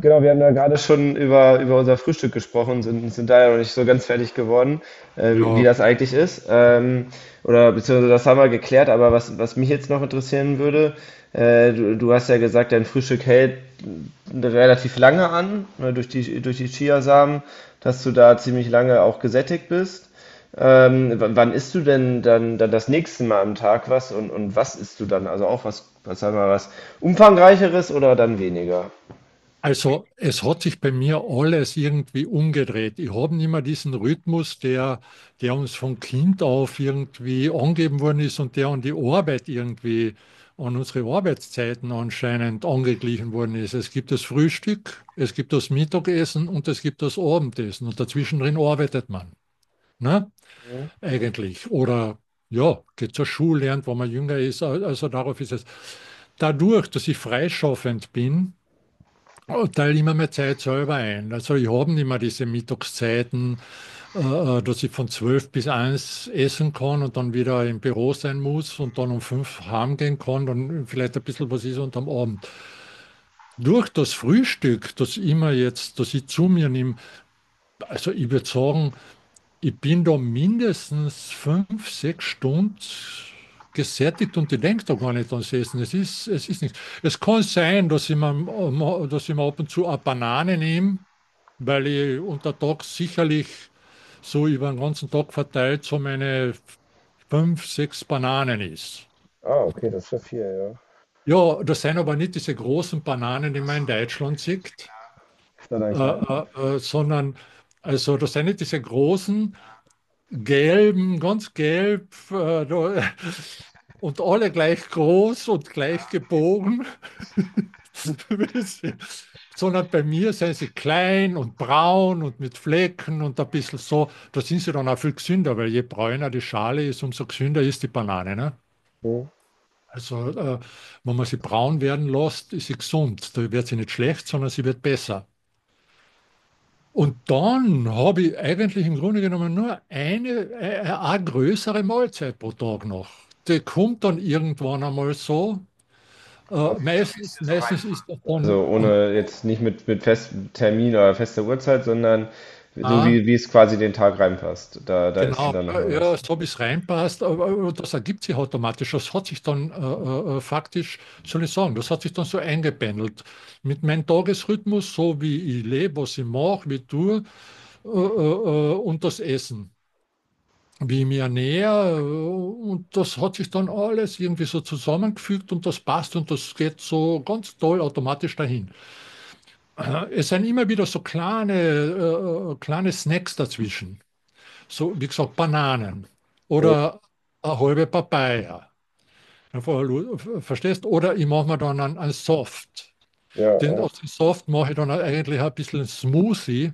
Genau, wir haben ja gerade schon über, über unser Frühstück gesprochen, sind da ja noch nicht so ganz fertig geworden, wie Ja, das eigentlich ist. Oder beziehungsweise das haben wir geklärt, aber was mich jetzt noch interessieren würde, du hast ja gesagt, dein Frühstück hält relativ lange an, ne, durch die Chiasamen, dass du da ziemlich lange auch gesättigt bist. Wann isst du denn dann das nächste Mal am Tag was und was isst du dann? Also auch was, was sagen wir, was umfangreicheres oder dann weniger? also es hat sich bei mir alles irgendwie umgedreht. Ich habe nicht mehr diesen Rhythmus, der uns von Kind auf irgendwie angegeben worden ist und der an die Arbeit irgendwie, an unsere Arbeitszeiten anscheinend angeglichen worden ist. Es gibt das Frühstück, es gibt das Mittagessen und es gibt das Abendessen und dazwischen drin arbeitet man, ne? Eigentlich. Oder ja, geht zur Schule, lernt, wenn man jünger ist. Also darauf ist es. Dadurch, dass ich freischaffend bin, oh, teile immer mehr Zeit selber ein. Also ich habe nicht mehr diese Mittagszeiten, äh, dass ich von 12 bis eins essen kann und dann wieder im Büro sein muss und dann um 5 heimgehen kann, dann vielleicht ein bisschen was ist und am Abend. Durch das Frühstück, das immer jetzt, das ich zu mir nehme, also ich würde sagen, ich bin da mindestens 5 6 Stunden gesättigt und ich denke da gar nicht ans Essen. Es ist nichts. Es kann sein, dass ich mir ab und zu eine Banane nehme, weil ich unter Tag sicherlich so über den ganzen Tag verteilt so meine fünf, sechs Bananen isst. Ah, okay, das ist ja viel, ja. Ja, das sind aber nicht diese großen Bananen, die man in Deutschland sieht, Ist ja dein kleiner. Sondern also das sind nicht diese großen, gelben, ganz gelb da- und alle gleich groß und gleich gebogen. sondern bei mir sind sie klein und braun und mit Flecken und ein bisschen so. Da sind sie dann auch viel gesünder, weil je bräuner die Schale ist, umso gesünder ist die Banane. Ne? Hm. Also, wenn man sie braun werden lässt, ist sie gesund. Da wird sie nicht schlecht, sondern sie wird besser. Und dann habe ich eigentlich im Grunde genommen nur eine größere Mahlzeit pro Tag noch. Die kommt dann irgendwann einmal so. Aber Äh, wie, so wie es meistens, dir so meistens ist das reinpasst. dann Also ohne jetzt nicht mit, mit festem Termin oder fester Uhrzeit, sondern so wie, am wie es quasi den Tag reinpasst. Da ist genau, dann ja, nochmal was. ja, so wie es reinpasst, aber das ergibt sich automatisch. Das hat sich dann faktisch, soll ich sagen, das hat sich dann so eingependelt. Mit meinem Tagesrhythmus, so wie ich lebe, was ich mache, wie ich tue und das Essen, wie ich mich ernähre. Und das hat sich dann alles irgendwie so zusammengefügt und das passt und das geht so ganz toll automatisch dahin. Es sind immer wieder so kleine, kleine Snacks dazwischen so wie gesagt, Bananen Hm. oder eine halbe Papaya. Verstehst? Oder ich mache mir dann einen Soft. Ja, Den, ja. aus dem Soft mache ich dann eigentlich ein bisschen einen Smoothie,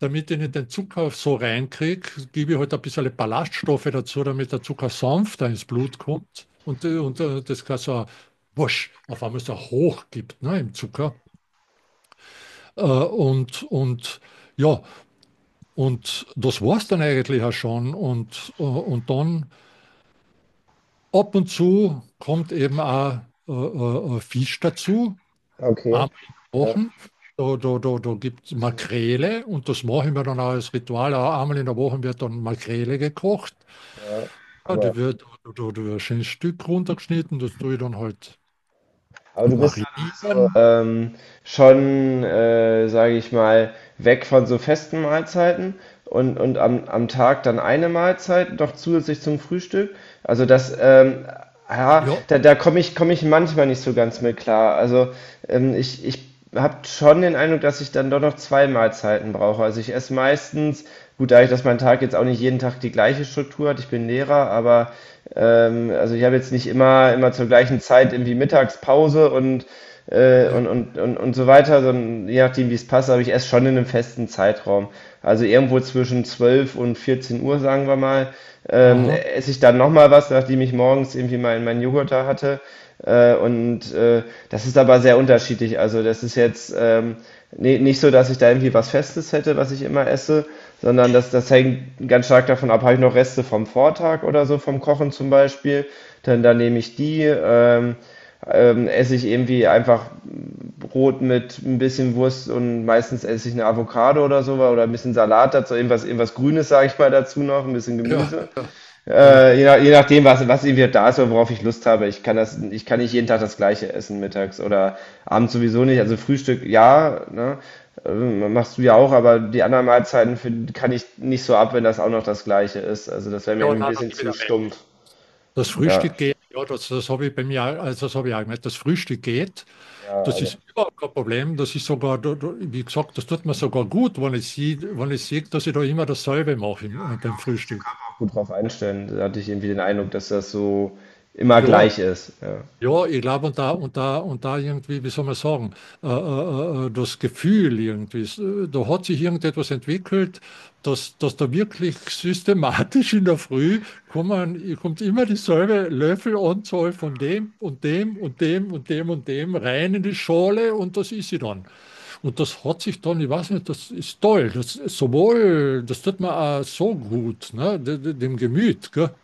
damit ich nicht den Zucker so reinkriege. Gebe ich halt ein bisschen Ballaststoffe dazu, damit der Zucker sanfter ins Blut kommt. Und das kann so ein wusch, auf einmal so hoch gibt ne, im Zucker. Und ja, und das war es dann eigentlich auch schon. Und dann ab und zu kommt eben auch Fisch dazu, einmal Okay. in der Ja, Woche. Da gibt es definitiv. Makrele und das machen wir dann auch als Ritual. Auch einmal in der Woche wird dann Makrele gekocht. Ja, Ja, aber. die wird, da wird ein schönes Stück runtergeschnitten, das tue ich dann halt Aber du bist dann marinieren. also schon, sage ich mal, weg von so festen Mahlzeiten und am, am Tag dann eine Mahlzeit noch zusätzlich zum Frühstück. Also ja, Ja, da komme ich manchmal nicht so ganz mit klar. Also ich habe schon den Eindruck, dass ich dann doch noch zwei Mahlzeiten brauche. Also ich esse meistens, gut, dadurch, dass mein Tag jetzt auch nicht jeden Tag die gleiche Struktur hat, ich bin Lehrer, aber also ich habe jetzt nicht immer zur gleichen Zeit irgendwie Mittagspause und, äh, ja, und, und, und, und so weiter, sondern je nachdem, wie es passt, aber ich esse schon in einem festen Zeitraum. Also irgendwo zwischen 12 und 14 Uhr, sagen wir mal aha, esse ich dann nochmal was, nachdem ich morgens irgendwie meinen meinen Joghurt da hatte. Äh, und äh, Das ist aber sehr unterschiedlich. Also das ist jetzt nee, nicht so, dass ich da irgendwie was Festes hätte, was ich immer esse, sondern das hängt ganz stark davon ab, habe ich noch Reste vom Vortag oder so, vom Kochen zum Beispiel, dann nehme ich die. Esse ich irgendwie einfach Brot mit ein bisschen Wurst und meistens esse ich eine Avocado oder so oder ein bisschen Salat dazu, irgendwas, irgendwas Grünes, sage ich mal, dazu noch, ein bisschen ja, Gemüse. ja, ja. Je nachdem, was irgendwie da ist oder worauf ich Lust habe. Ich kann das, ich kann nicht jeden Tag das Gleiche essen mittags oder abends sowieso nicht. Also Frühstück, ja, ne? Machst du ja auch, aber die anderen Mahlzeiten find, kann ich nicht so ab, wenn das auch noch das Gleiche ist. Also das wäre mir Ja, irgendwie ein nein, da bisschen gebe ich zu da weg. stumpf. Das Ja, Frühstück geht, ja, das habe ich bei mir, auch- also das habe ich auch gemerkt. Das Frühstück geht, ja, das aber ist überhaupt kein Problem. Das ist sogar, da- da- wie gesagt, das tut mir sogar gut, wenn ich sehe, wenn ich sehe, dass ich da immer dasselbe mache ja, im- genau, beim kann sich der Frühstück. Körper auch gut drauf einstellen. Da hatte ich irgendwie den Eindruck, dass das so immer Ja, gleich ist. Ja. ja, ich glaube, und da irgendwie, wie soll man sagen, das Gefühl irgendwie, s- da hat sich irgendetwas entwickelt, dass da wirklich systematisch in der Früh kommen, kommt immer dieselbe Löffelanzahl von dem und dem und dem und dem und dem rein in die Schale und das ist sie dann. Und das hat sich dann, ich weiß nicht, das ist toll, das ist sowohl, das tut mir auch so gut, ne, de- de- dem Gemüt, gell?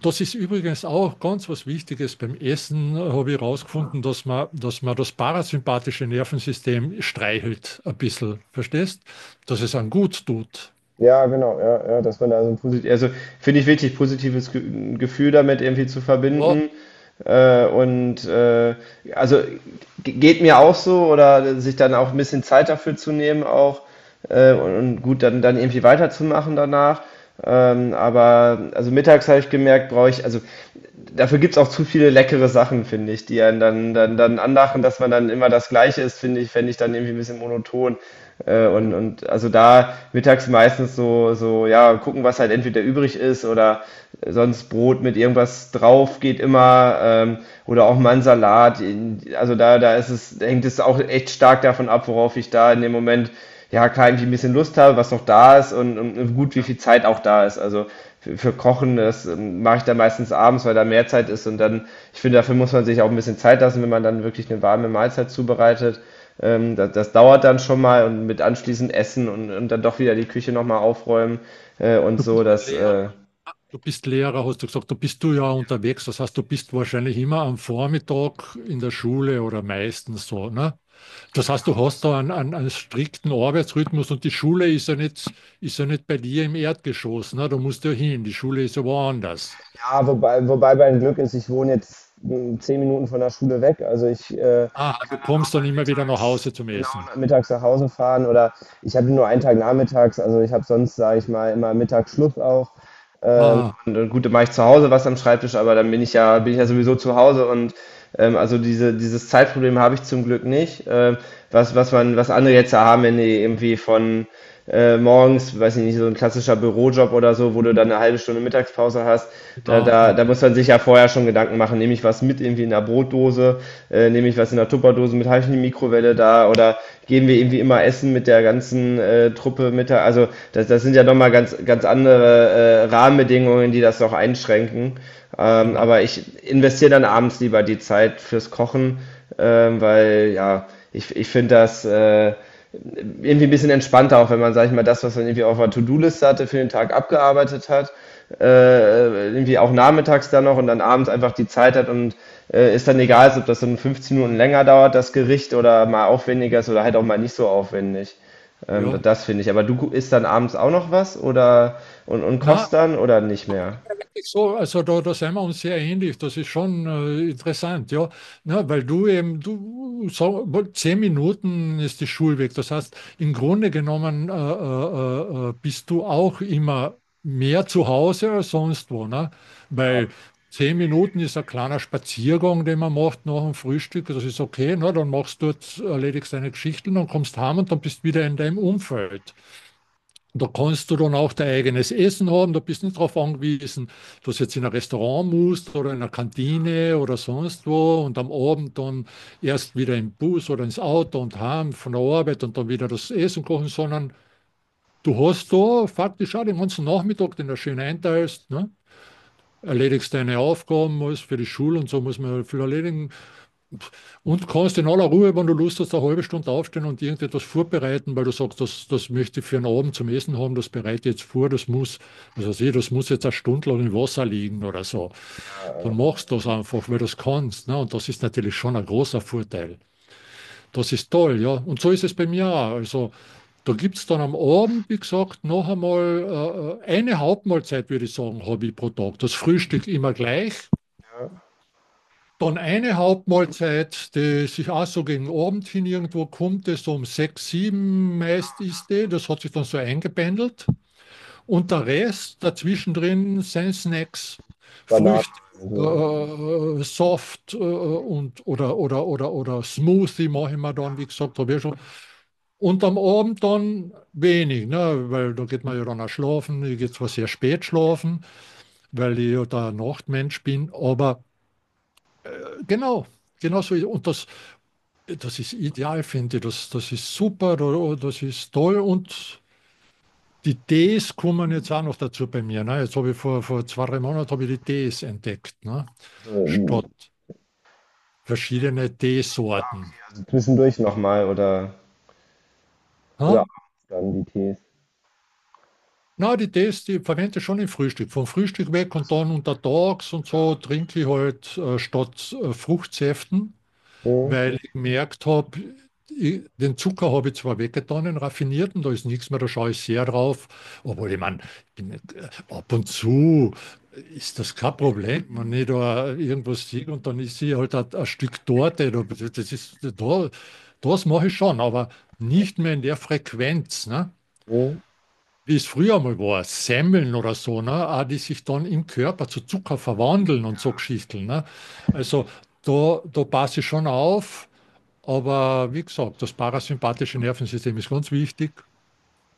Das ist übrigens auch ganz was Wichtiges. Beim Essen habe ich herausgefunden, dass man das parasympathische Nervensystem streichelt ein bisschen. Verstehst? Dass es einem gut tut. Positiv, also finde ich wichtig, positives Ge Gefühl damit irgendwie zu Ja, verbinden. Äh, und äh, also Ge- geht mir auch so oder sich dann auch ein bisschen Zeit dafür zu nehmen auch und gut dann dann irgendwie weiterzumachen danach. Aber also mittags habe ich gemerkt, brauche ich also dafür gibt's auch zu viele leckere Sachen, finde ich, die einen dann anlachen, dass man dann immer das Gleiche ist, finde ich, fände ich dann irgendwie ein bisschen monoton. Ja. Da mittags meistens so, ja, gucken, was halt entweder übrig ist oder sonst Brot mit irgendwas drauf geht immer oder auch mal ein Salat. Also da ist es, hängt es auch echt stark davon ab, worauf ich da in dem Moment ja klar irgendwie ein bisschen Lust habe, was noch da ist und gut, wie Ja. viel Zeit auch da ist. Also für Kochen, das mache ich dann meistens abends, weil da mehr Zeit ist und dann, ich finde, dafür muss man sich auch ein bisschen Zeit lassen, wenn man dann wirklich eine warme Mahlzeit zubereitet. Das dauert dann schon mal und mit anschließend Essen und dann doch wieder die Küche nochmal aufräumen äh, und so, das, Lehrer. äh, Du bist Lehrer, hast du gesagt, du bist du ja unterwegs. Das heißt, du bist wahrscheinlich immer am Vormittag in der Schule oder meistens so. Ne? Das heißt, du hast da einen strikten Arbeitsrhythmus und die Schule ist ja nicht bei dir im Erdgeschoss. Ne? Da musst du ja hin. Die Schule ist ja woanders. wohne jetzt 10 Minuten von der Schule weg, also ich Ah, du kann dann auch kommst mal dann immer wieder nach mittags, Hause zum genau Essen. mittags nach Hause fahren oder ich habe nur einen Tag nachmittags, also ich habe sonst, sage ich mal, immer Mittagsschluss auch. Ähm, Ah, und gut, dann mache ich zu Hause was am Schreibtisch, aber dann bin ich ja sowieso zu Hause und dieses Zeitproblem habe ich zum Glück nicht. Was man, was andere jetzt ja haben, wenn die irgendwie von morgens, weiß ich nicht, so ein klassischer Bürojob oder so, wo du dann eine halbe Stunde Mittagspause hast, genau, ja, da muss man sich ja vorher schon Gedanken machen, nehme ich was mit irgendwie in der Brotdose Brotdose, nehme ich was in der Tupperdose mit, habe ich eine Mikrowelle da oder gehen wir irgendwie immer essen mit der ganzen Truppe mit der, also das sind ja nochmal ganz andere Rahmenbedingungen, die das noch einschränken. Genau. Aber ich investiere dann abends lieber die Zeit fürs Kochen, weil ja, ich finde das irgendwie ein bisschen entspannter, auch wenn man, sag ich mal, das, was man irgendwie auf der To-Do-Liste hatte, für den Tag abgearbeitet hat, irgendwie auch nachmittags dann noch und dann abends einfach die Zeit hat und ist dann egal, ob das dann 15 Minuten länger dauert, das Gericht oder mal aufwendiger ist oder halt auch mal nicht so aufwendig. Ja. Das finde ich. Aber du isst dann abends auch noch was oder und Na, kochst dann oder nicht mehr? so, also da sind wir uns sehr ähnlich. Das ist schon interessant, ja. Na, weil du eben, du, so, zehn Minuten ist die Schulweg. Das heißt, im Grunde genommen bist du auch immer mehr zu Hause als sonst wo, ne? Ja, Weil zehn Minuten ist ein kleiner Spaziergang, den man macht nach dem Frühstück. Das ist okay, ne? Dann machst du dort, erledigst deine Geschichten und kommst heim und dann bist wieder in deinem Umfeld. Da kannst du dann auch dein eigenes Essen haben. Da bist du nicht darauf angewiesen, dass du jetzt in ein Restaurant musst oder in einer Kantine oder sonst wo und am Abend dann erst wieder im Bus oder ins Auto und heim von der Arbeit und dann wieder das Essen kochen, sondern du hast da faktisch auch den ganzen Nachmittag, den du schön einteilst, ne? Erledigst deine Aufgaben, alles für die Schule und so muss man viel erledigen. Und kannst in aller Ruhe, wenn du Lust hast, eine halbe Stunde aufstehen und irgendetwas vorbereiten, weil du sagst, das möchte ich für einen Abend zum Essen haben, das bereite ich jetzt vor, das muss, was weiß ich, das muss jetzt eine Stunde lang im Wasser liegen oder so. Dann machst du das einfach, weil du es kannst. Ne? Und das ist natürlich schon ein großer Vorteil. Das ist toll, ja. Und so ist es bei mir auch. Also da gibt es dann am Abend, wie gesagt, noch einmal eine Hauptmahlzeit, würde ich sagen, habe ich pro Tag. Das Frühstück immer gleich. Dann eine Hauptmahlzeit, die sich auch so gegen Abend hin irgendwo kommt, das so um sechs, sieben meist ist die, das hat sich dann so eingependelt. Und der Rest dazwischen drin sind Snacks, Früchte, also, ja. Soft oder Smoothie mache ich mir dann, wie gesagt, habe ich ja schon. Und am Abend dann wenig, ne? Weil da geht man ja dann auch schlafen. Ich gehe zwar sehr spät schlafen, weil ich ja der Nachtmensch bin, aber äh, genau. Genau so. Und das, das ist ideal, finde ich. Das, das ist super, oh, das ist toll und die Tees kommen jetzt auch noch dazu bei mir. Ne? Jetzt habe ich vor, vor zwei, drei Monaten habe ich die Tees entdeckt, ne? also, Statt verschiedene Teesorten. also zwischendurch nochmal oder Ha? abends dann die Tees. Na, die Tees, die verwende ich schon im Frühstück. Vom Frühstück weg und dann untertags und so trinke ich halt statt Fruchtsäften Hm? weil ich gemerkt habe, ich- den Zucker habe ich zwar weggetan, den raffinierten, da ist nichts mehr, da schaue ich sehr drauf. Obwohl, ich meine, ich bin, nicht- ab und zu ist das kein Problem, wenn ich da irgendwas sehe und dann ist sie halt ein Stück Torte. Da- das ist, da, das mache ich schon, aber nicht mehr in der Frequenz, ne? Hm? Wie es früher mal war, Semmeln oder so, ne? Auch die sich dann im Körper zu Zucker verwandeln und so Geschichten, ne? Also da passe ich schon auf. Aber wie gesagt, das parasympathische Nervensystem ist ganz wichtig.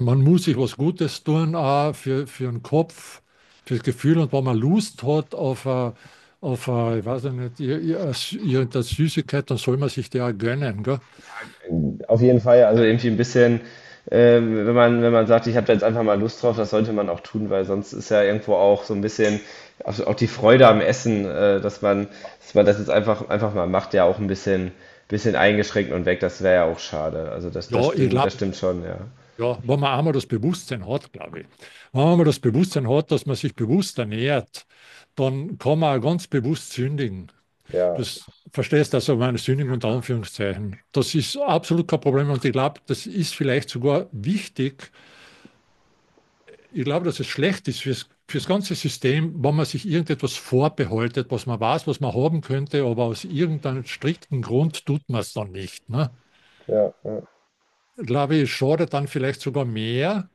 Man muss sich was Gutes tun, auch für den Kopf, fürs Gefühl. Und wenn man Lust hat auf eine, ich weiß ja nicht, ir- ir- irgendeine Süßigkeit, dann soll man sich die auch gönnen. Gell? Auf jeden Fall, also irgendwie ein bisschen, wenn man, wenn man sagt, ich habe da jetzt einfach mal Lust drauf, das sollte man auch tun, weil sonst ist ja irgendwo auch so ein bisschen auch die Freude am Essen, dass dass man das jetzt einfach mal macht, ja auch ein bisschen eingeschränkt und weg, das wäre ja auch schade. Also Ja, ich das glaube, stimmt schon, ja. ja, wenn man einmal das Bewusstsein hat, glaube ich. Wenn man einmal das Bewusstsein hat, dass man sich bewusst ernährt, dann kann man auch ganz bewusst sündigen. Ja, Das verstehst also meine Sündigung unter Anführungszeichen. Das ist absolut kein Problem und ich glaube, das ist vielleicht sogar wichtig. Ich glaube, dass es schlecht ist fürs, fürs ganze System, wenn man sich irgendetwas vorbehaltet, was man weiß, was man haben könnte, aber aus irgendeinem strikten Grund tut man es dann nicht. Ne? ja, ja, Ich glaube, es schadet dann vielleicht sogar mehr,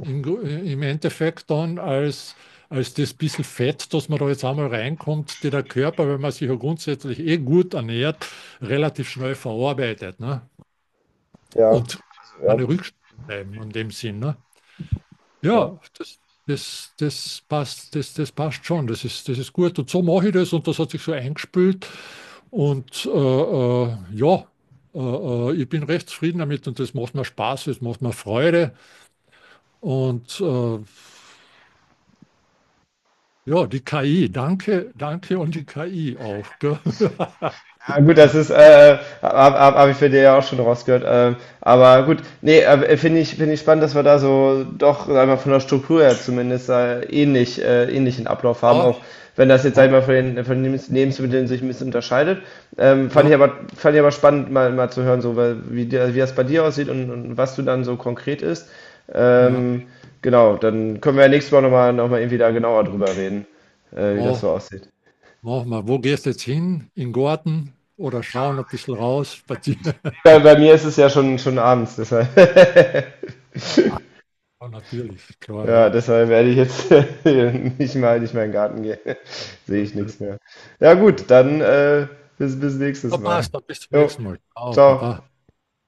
im, im Endeffekt dann als, als das bisschen Fett, das man da jetzt einmal reinkommt, die der Körper, wenn man sich ja grundsätzlich eh gut ernährt, relativ schnell verarbeitet, ne? ja, Und ja. keine Rückstände bleiben in dem Sinn, ne? Ja. Ja, das passt, das passt schon, das ist gut. Und so mache ich das und das hat sich so eingespült. Und ja, ich bin recht zufrieden damit und das macht mir Spaß, das macht mir Freude. Und ja, die KI, danke, danke und die KI auch. Gell? Ja, gut, das habe hab ich bei dir ja auch schon rausgehört. Aber gut, nee, finde ich spannend, dass wir da so doch, sag ich mal, von der Struktur her zumindest ähnlichen Ablauf haben, Ja, auch wenn das jetzt, sag ich mal, Mama, von von den Lebensmitteln sich ein bisschen unterscheidet. Ja, Fand ich aber spannend, mal zu hören, so, weil, wie das bei dir aussieht und was du dann so konkret isst. ja, Ähm, genau, dann können wir ja nächstes Mal noch mal irgendwie da genauer drüber reden, wie das mach, so aussieht. mach mal. Wo gehst jetzt hin? In den Garten oder schauen ein bisschen raus, spazieren? Bei mir ist es ja schon abends, deshalb. Ja, natürlich, klar, Ja, ja. deshalb werde ich jetzt nicht mal in den Garten gehen. Sehe Ja, ich ja, nichts mehr. Ja ja. gut, dann bis nächstes Na, Mal. passt, dann bis zum Jo, nächsten Mal. Ciao, ciao. Papa.